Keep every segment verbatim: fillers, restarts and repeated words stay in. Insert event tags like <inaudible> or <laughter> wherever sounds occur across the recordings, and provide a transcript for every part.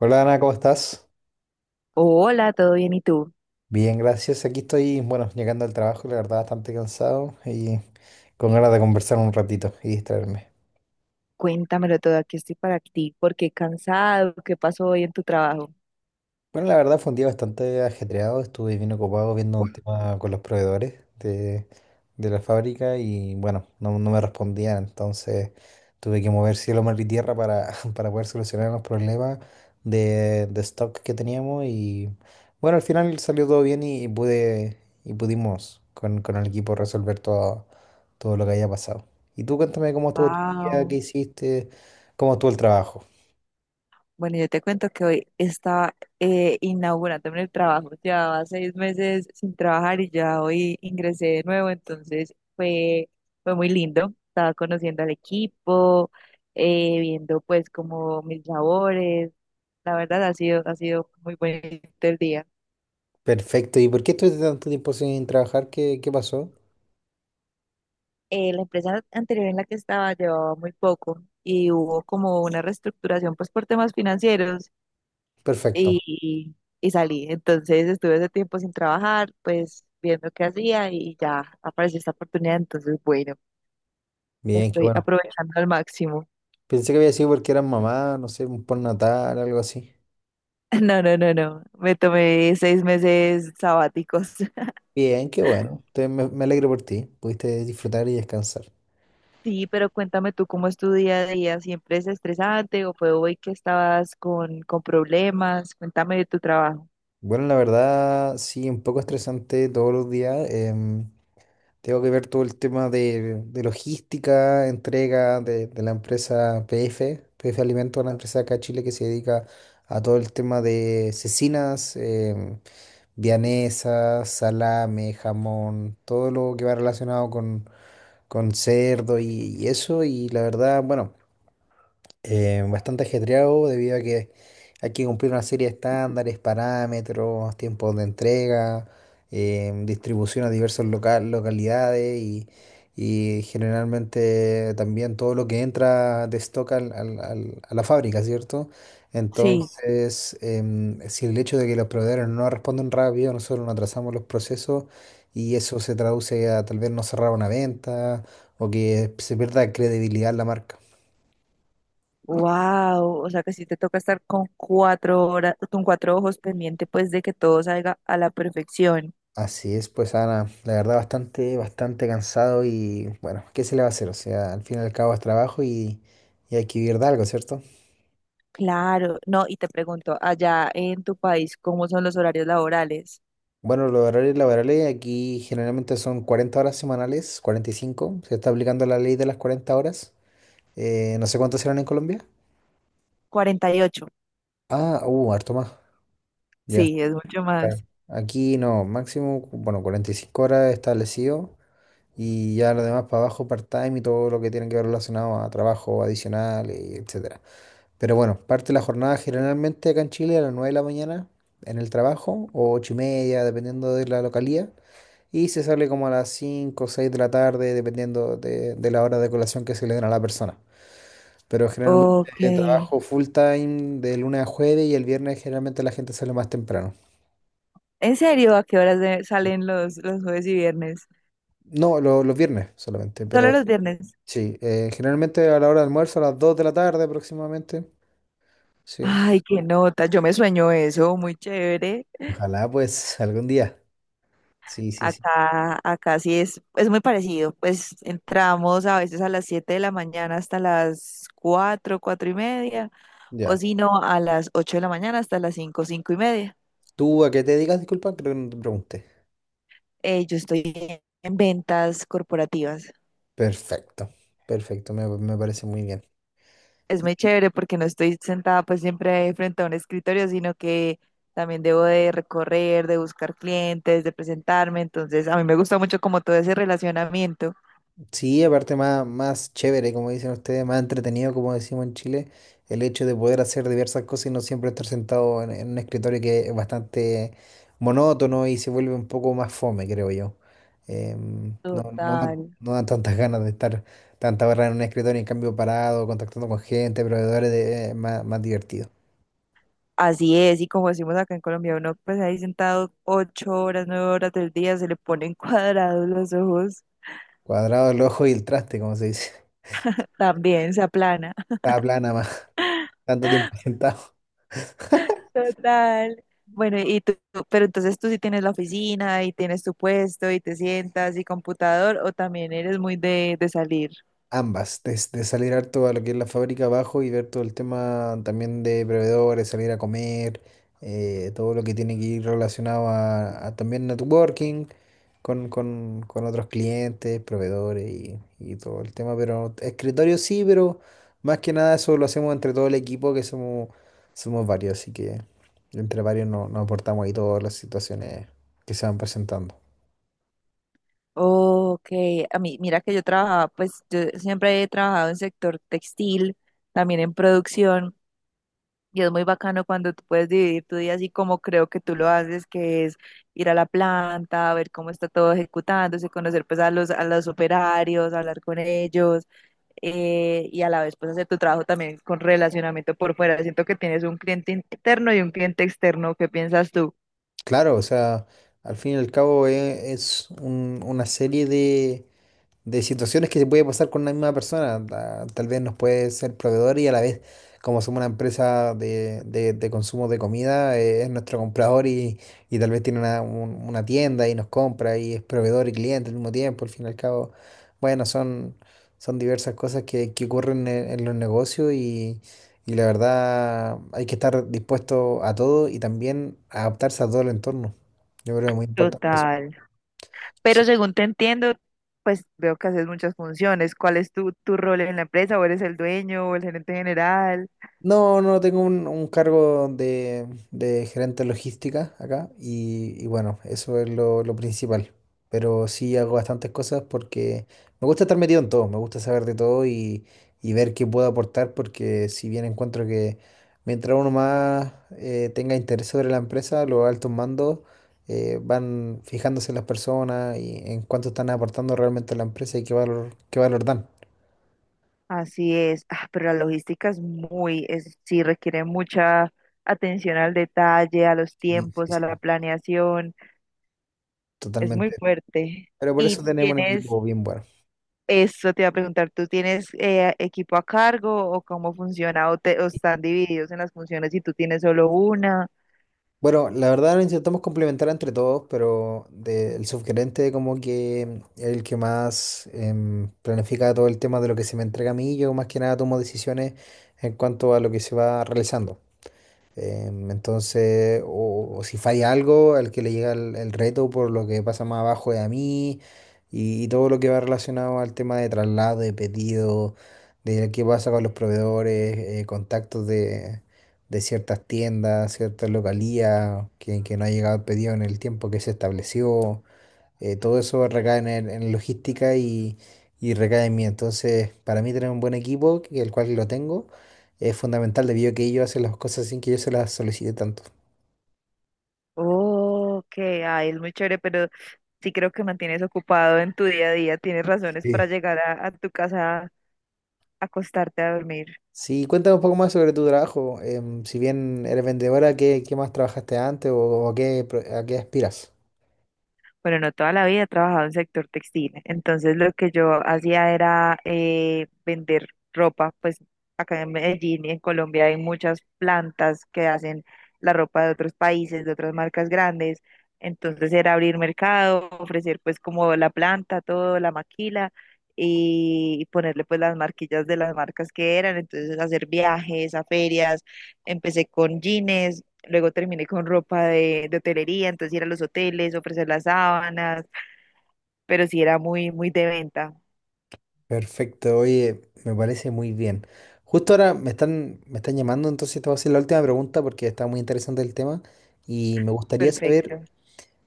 Hola, Ana, ¿cómo estás? Hola, ¿todo bien? ¿Y tú? Bien, gracias. Aquí estoy, bueno, llegando al trabajo, la verdad, bastante cansado y con ganas de conversar un ratito y distraerme. Cuéntamelo todo, aquí estoy para ti. ¿Por qué cansado? ¿Qué pasó hoy en tu trabajo? Bueno, la verdad fue un día bastante ajetreado, estuve bien ocupado viendo un tema con los proveedores de, de la fábrica y bueno, no, no me respondían, entonces tuve que mover cielo, mar y tierra para, <laughs> para poder solucionar los problemas de, de stock que teníamos y bueno, al final salió todo bien y, y pude y pudimos con, con el equipo resolver todo, todo lo que había pasado. Y tú cuéntame cómo estuvo tu día, qué Wow. hiciste, cómo estuvo el trabajo. Bueno, yo te cuento que hoy estaba eh, inaugurando en el trabajo. Llevaba seis meses sin trabajar y ya hoy ingresé de nuevo, entonces fue, fue muy lindo. Estaba conociendo al equipo, eh, viendo pues como mis labores. La verdad ha sido, ha sido muy bonito el día. Perfecto. ¿Y por qué estuviste tanto tiempo sin trabajar? ¿Qué, qué pasó? eh, la empresa anterior en la que estaba llevaba muy poco y hubo como una reestructuración pues por temas financieros Perfecto. y, y salí. Entonces estuve ese tiempo sin trabajar, pues viendo qué hacía y ya apareció esta oportunidad. Entonces, bueno, lo Bien, qué estoy bueno. aprovechando al máximo. <laughs> Pensé que había sido porque eras mamá, no sé, un postnatal, algo así. No, no, no, no. Me tomé seis meses sabáticos. <laughs> Bien, qué bueno. Te- me, me alegro por ti. Pudiste disfrutar y descansar. Sí, pero cuéntame tú cómo es tu día a día. ¿Siempre es estresante o fue hoy que estabas con, con problemas? Cuéntame de tu trabajo. Bueno, la verdad, sí, un poco estresante todos los días. Em, tengo que ver todo el tema de, de logística, entrega de, de la empresa P F, P F Alimentos, una empresa acá en Chile que se dedica a todo el tema de cecinas. em, Vianesa, salame, jamón, todo lo que va relacionado con, con cerdo y, y eso. Y la verdad, bueno, eh, bastante ajetreado debido a que hay que cumplir una serie de estándares, parámetros, tiempos de entrega, eh, distribución a diversas local, localidades y, y generalmente también todo lo que entra de stock al- al- al- a la fábrica, ¿cierto? Sí. Entonces, em, si el hecho de que los proveedores no responden rápido, nosotros nos atrasamos los procesos y eso se traduce a tal vez no cerrar una venta o que se pierda credibilidad en la marca. Wow, o sea que sí te toca estar con cuatro horas, con cuatro ojos pendiente, pues de que todo salga a la perfección. Así es, pues, Ana, la verdad bastante, bastante cansado y bueno, ¿qué se le va a hacer? O sea, al fin y al cabo es trabajo y, y hay que vivir de algo, ¿cierto? Claro, no, y te pregunto, allá en tu país, ¿cómo son los horarios laborales? Bueno, los horarios laborales aquí generalmente son cuarenta horas semanales, cuarenta y cinco, se está aplicando la ley de las cuarenta horas. Eh, no sé cuántas serán en Colombia. Cuarenta y ocho. Ah, uh, harto más, ya. Sí, es mucho más. Claro. Aquí no, máximo, bueno, cuarenta y cinco horas establecido y ya lo demás para abajo, part-time y todo lo que tiene que ver relacionado a trabajo adicional, y etcétera. Pero bueno, parte la jornada generalmente acá en Chile a las nueve de la mañana en el trabajo, o ocho y media, dependiendo de la localía, y se sale como a las cinco o seis de la tarde, dependiendo de, de la hora de colación que se le den a la persona. Pero generalmente Ok. eh, trabajo full time de lunes a jueves y el viernes generalmente la gente sale más temprano. ¿En serio? ¿A qué horas de- salen los, los jueves y viernes? No, lo- los viernes solamente, Solo pero los viernes. sí, eh, generalmente a la hora de almuerzo, a las dos de la tarde aproximadamente. Sí, Ay, qué nota, yo me sueño eso, muy chévere. ojalá pues algún día. Sí, sí, sí. Acá, acá sí es, es muy parecido. Pues entramos a veces a las siete de la mañana hasta las cuatro cuatro y media, o Ya. si no, a las ocho de la mañana hasta las cinco cinco y media. ¿Tú a qué te dedicas? Disculpa, creo que no te pregunté. Eh, yo estoy en ventas corporativas. Perfecto, perfecto, me, me parece muy bien. Es Y- muy y chévere porque no estoy sentada pues siempre frente a un escritorio, sino que también debo de recorrer, de buscar clientes, de presentarme. Entonces, a mí me gusta mucho como todo ese relacionamiento. sí, aparte más, más chévere, como dicen ustedes, más entretenido, como decimos en Chile, el hecho de poder hacer diversas cosas y no siempre estar sentado en, en un escritorio que es bastante monótono y se vuelve un poco más fome, creo yo. Em, no, no dan, Total. no dan tantas ganas de estar tantas horas en un escritorio, en cambio parado, contactando con gente, proveedores, de, es más, más divertido. Así es. Y como decimos acá en Colombia, uno pues ahí sentado ocho horas, nueve horas del día, se le ponen <laughs> cuadrados los ojos, Cuadrado el ojo y el traste, como se dice. <laughs> también se aplana. Está plana más. Tanto tiempo <laughs> sentado. Total. Bueno, y tú, tú- pero entonces tú sí tienes la oficina y tienes tu puesto y te sientas y computador, o también eres muy de, de salir. Ambas, desde salir harto a lo que es la fábrica abajo y ver todo el tema también de proveedores, salir a comer, eh, todo lo que tiene que ir relacionado a, a también networking con, con, con otros clientes, proveedores y, y todo el tema. Pero escritorio sí, pero más que nada eso lo hacemos entre todo el equipo, que somos, somos varios, así que entre varios no- nos aportamos ahí todas las situaciones que se van presentando. Ok, a mí, mira que yo trabajaba, pues yo siempre he trabajado en sector textil, también en producción. Y es muy bacano cuando tú puedes dividir tu día así como creo que tú lo haces, que es ir a la planta, ver cómo está todo ejecutándose, conocer pues a los, a los operarios, hablar con ellos, eh, y a la vez pues hacer tu trabajo también con relacionamiento por fuera. Siento que tienes un cliente interno y un cliente externo. ¿Qué piensas tú? Claro, o sea, al fin y al cabo e- es, un- una serie de, de situaciones que se puede pasar con una misma persona. Ta- Tal vez nos puede ser proveedor y a la vez, como somos una empresa de, de- de consumo de comida, eh, es nuestro comprador y, y tal vez tiene una, un- una tienda y nos compra y es proveedor y cliente al mismo tiempo. Al fin y al cabo, bueno, son, son diversas cosas que, que ocurren en, en los negocios y, y la verdad hay que estar dispuesto a todo y también adaptarse a todo el entorno. Yo creo que es muy importante eso. Total. Pero Sí. según te entiendo, pues veo que haces muchas funciones. ¿Cuál es tu, tu rol en la empresa? ¿O eres el dueño o el gerente general? No, no, tengo un, un cargo de, de gerente de logística acá y, y bueno, eso es lo, lo principal. Pero sí hago bastantes cosas porque me gusta estar metido en todo, me gusta saber de todo y, y ver qué puedo aportar porque si bien encuentro que mientras uno más eh, tenga interés sobre la empresa, los altos mandos eh, van fijándose en las personas y en cuánto están aportando realmente a la empresa y qué valor, qué valor dan. Así es. Ah, pero la logística es muy, es, sí requiere mucha atención al detalle, a los Sí, tiempos, sí, a la sí, planeación, es muy totalmente. fuerte. Pero por Y eso tenemos un tienes, equipo bien bueno. eso te iba a preguntar, ¿tú tienes eh, equipo a cargo o cómo funciona o, te, o están divididos en las funciones y tú tienes solo una? Bueno, la verdad lo intentamos complementar entre todos, pero de- el subgerente como que es el que más em, planifica todo el tema de lo que se me entrega a mí, yo más que nada tomo decisiones en cuanto a lo que se va realizando. Em, entonces, o, o si falla algo, al que le llega el, el reto por lo que pasa más abajo de a mí y, y todo lo que va relacionado al tema de traslado, de pedido, de qué pasa con los proveedores, eh, contactos de, de ciertas tiendas, ciertas localías, que, que no ha llegado el pedido en el tiempo que se estableció. Eh, todo eso recae en, el- en logística y, y recae en mí. Entonces, para mí tener un buen equipo, que- el cual lo tengo, es fundamental debido a que ellos hacen las cosas sin que yo se las solicite tanto. Oh, ok, ay, es muy chévere, pero sí creo que mantienes ocupado en tu día a día, tienes razones para Sí. llegar a, a tu casa a acostarte a dormir. Sí, cuéntame un poco más sobre tu trabajo. Em, si bien eres vendedora, ¿qué, qué más trabajaste antes o, a qué, pro- a qué aspiras? Bueno, no toda la vida he trabajado en sector textil, entonces lo que yo hacía era eh, vender ropa, pues acá en Medellín y en Colombia hay muchas plantas que hacen la ropa de otros países, de otras marcas grandes, entonces era abrir mercado, ofrecer pues como la planta, todo, la maquila y ponerle pues las marquillas de las marcas que eran, entonces hacer viajes a ferias, empecé con jeans, luego terminé con ropa de, de hotelería, entonces ir a los hoteles, ofrecer las sábanas, pero sí era muy, muy de venta. Perfecto, oye, me parece muy bien. Justo ahora me están, me están llamando, entonces te voy a hacer la última pregunta porque está muy interesante el tema y me gustaría saber. Perfecto.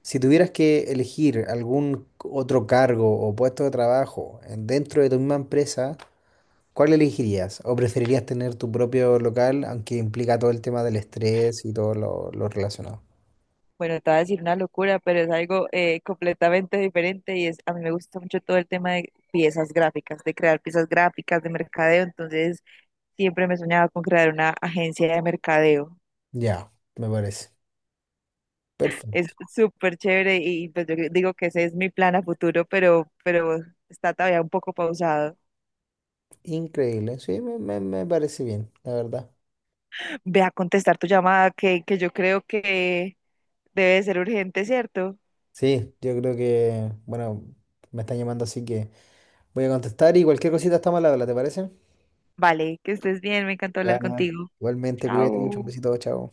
Si tuvieras que elegir algún otro cargo o puesto de trabajo en- dentro de tu misma empresa, ¿cuál elegirías? ¿O preferirías tener tu propio local, aunque implica todo el tema del estrés y todo lo, lo relacionado? Bueno, te voy a decir una locura, pero es algo eh, completamente diferente y es, a mí me gusta mucho todo el tema de piezas gráficas, de crear piezas gráficas, de mercadeo, entonces siempre me soñaba con crear una agencia de mercadeo. Ya, me parece. Es Perfecto. súper chévere y pues yo digo que ese es mi plan a futuro, pero, pero está todavía un poco pausado. Increíble. Sí, me, me- me parece bien, la verdad. Ve a contestar tu llamada que, que yo creo que debe de ser urgente, ¿cierto? Sí, yo creo que, bueno, me están llamando, así que voy a contestar y cualquier cosita estamos al habla, ¿te parece? Vale, que estés bien, me encantó hablar Ya, nada. contigo. Igualmente, cuídate mucho, un Chao. besito, chao.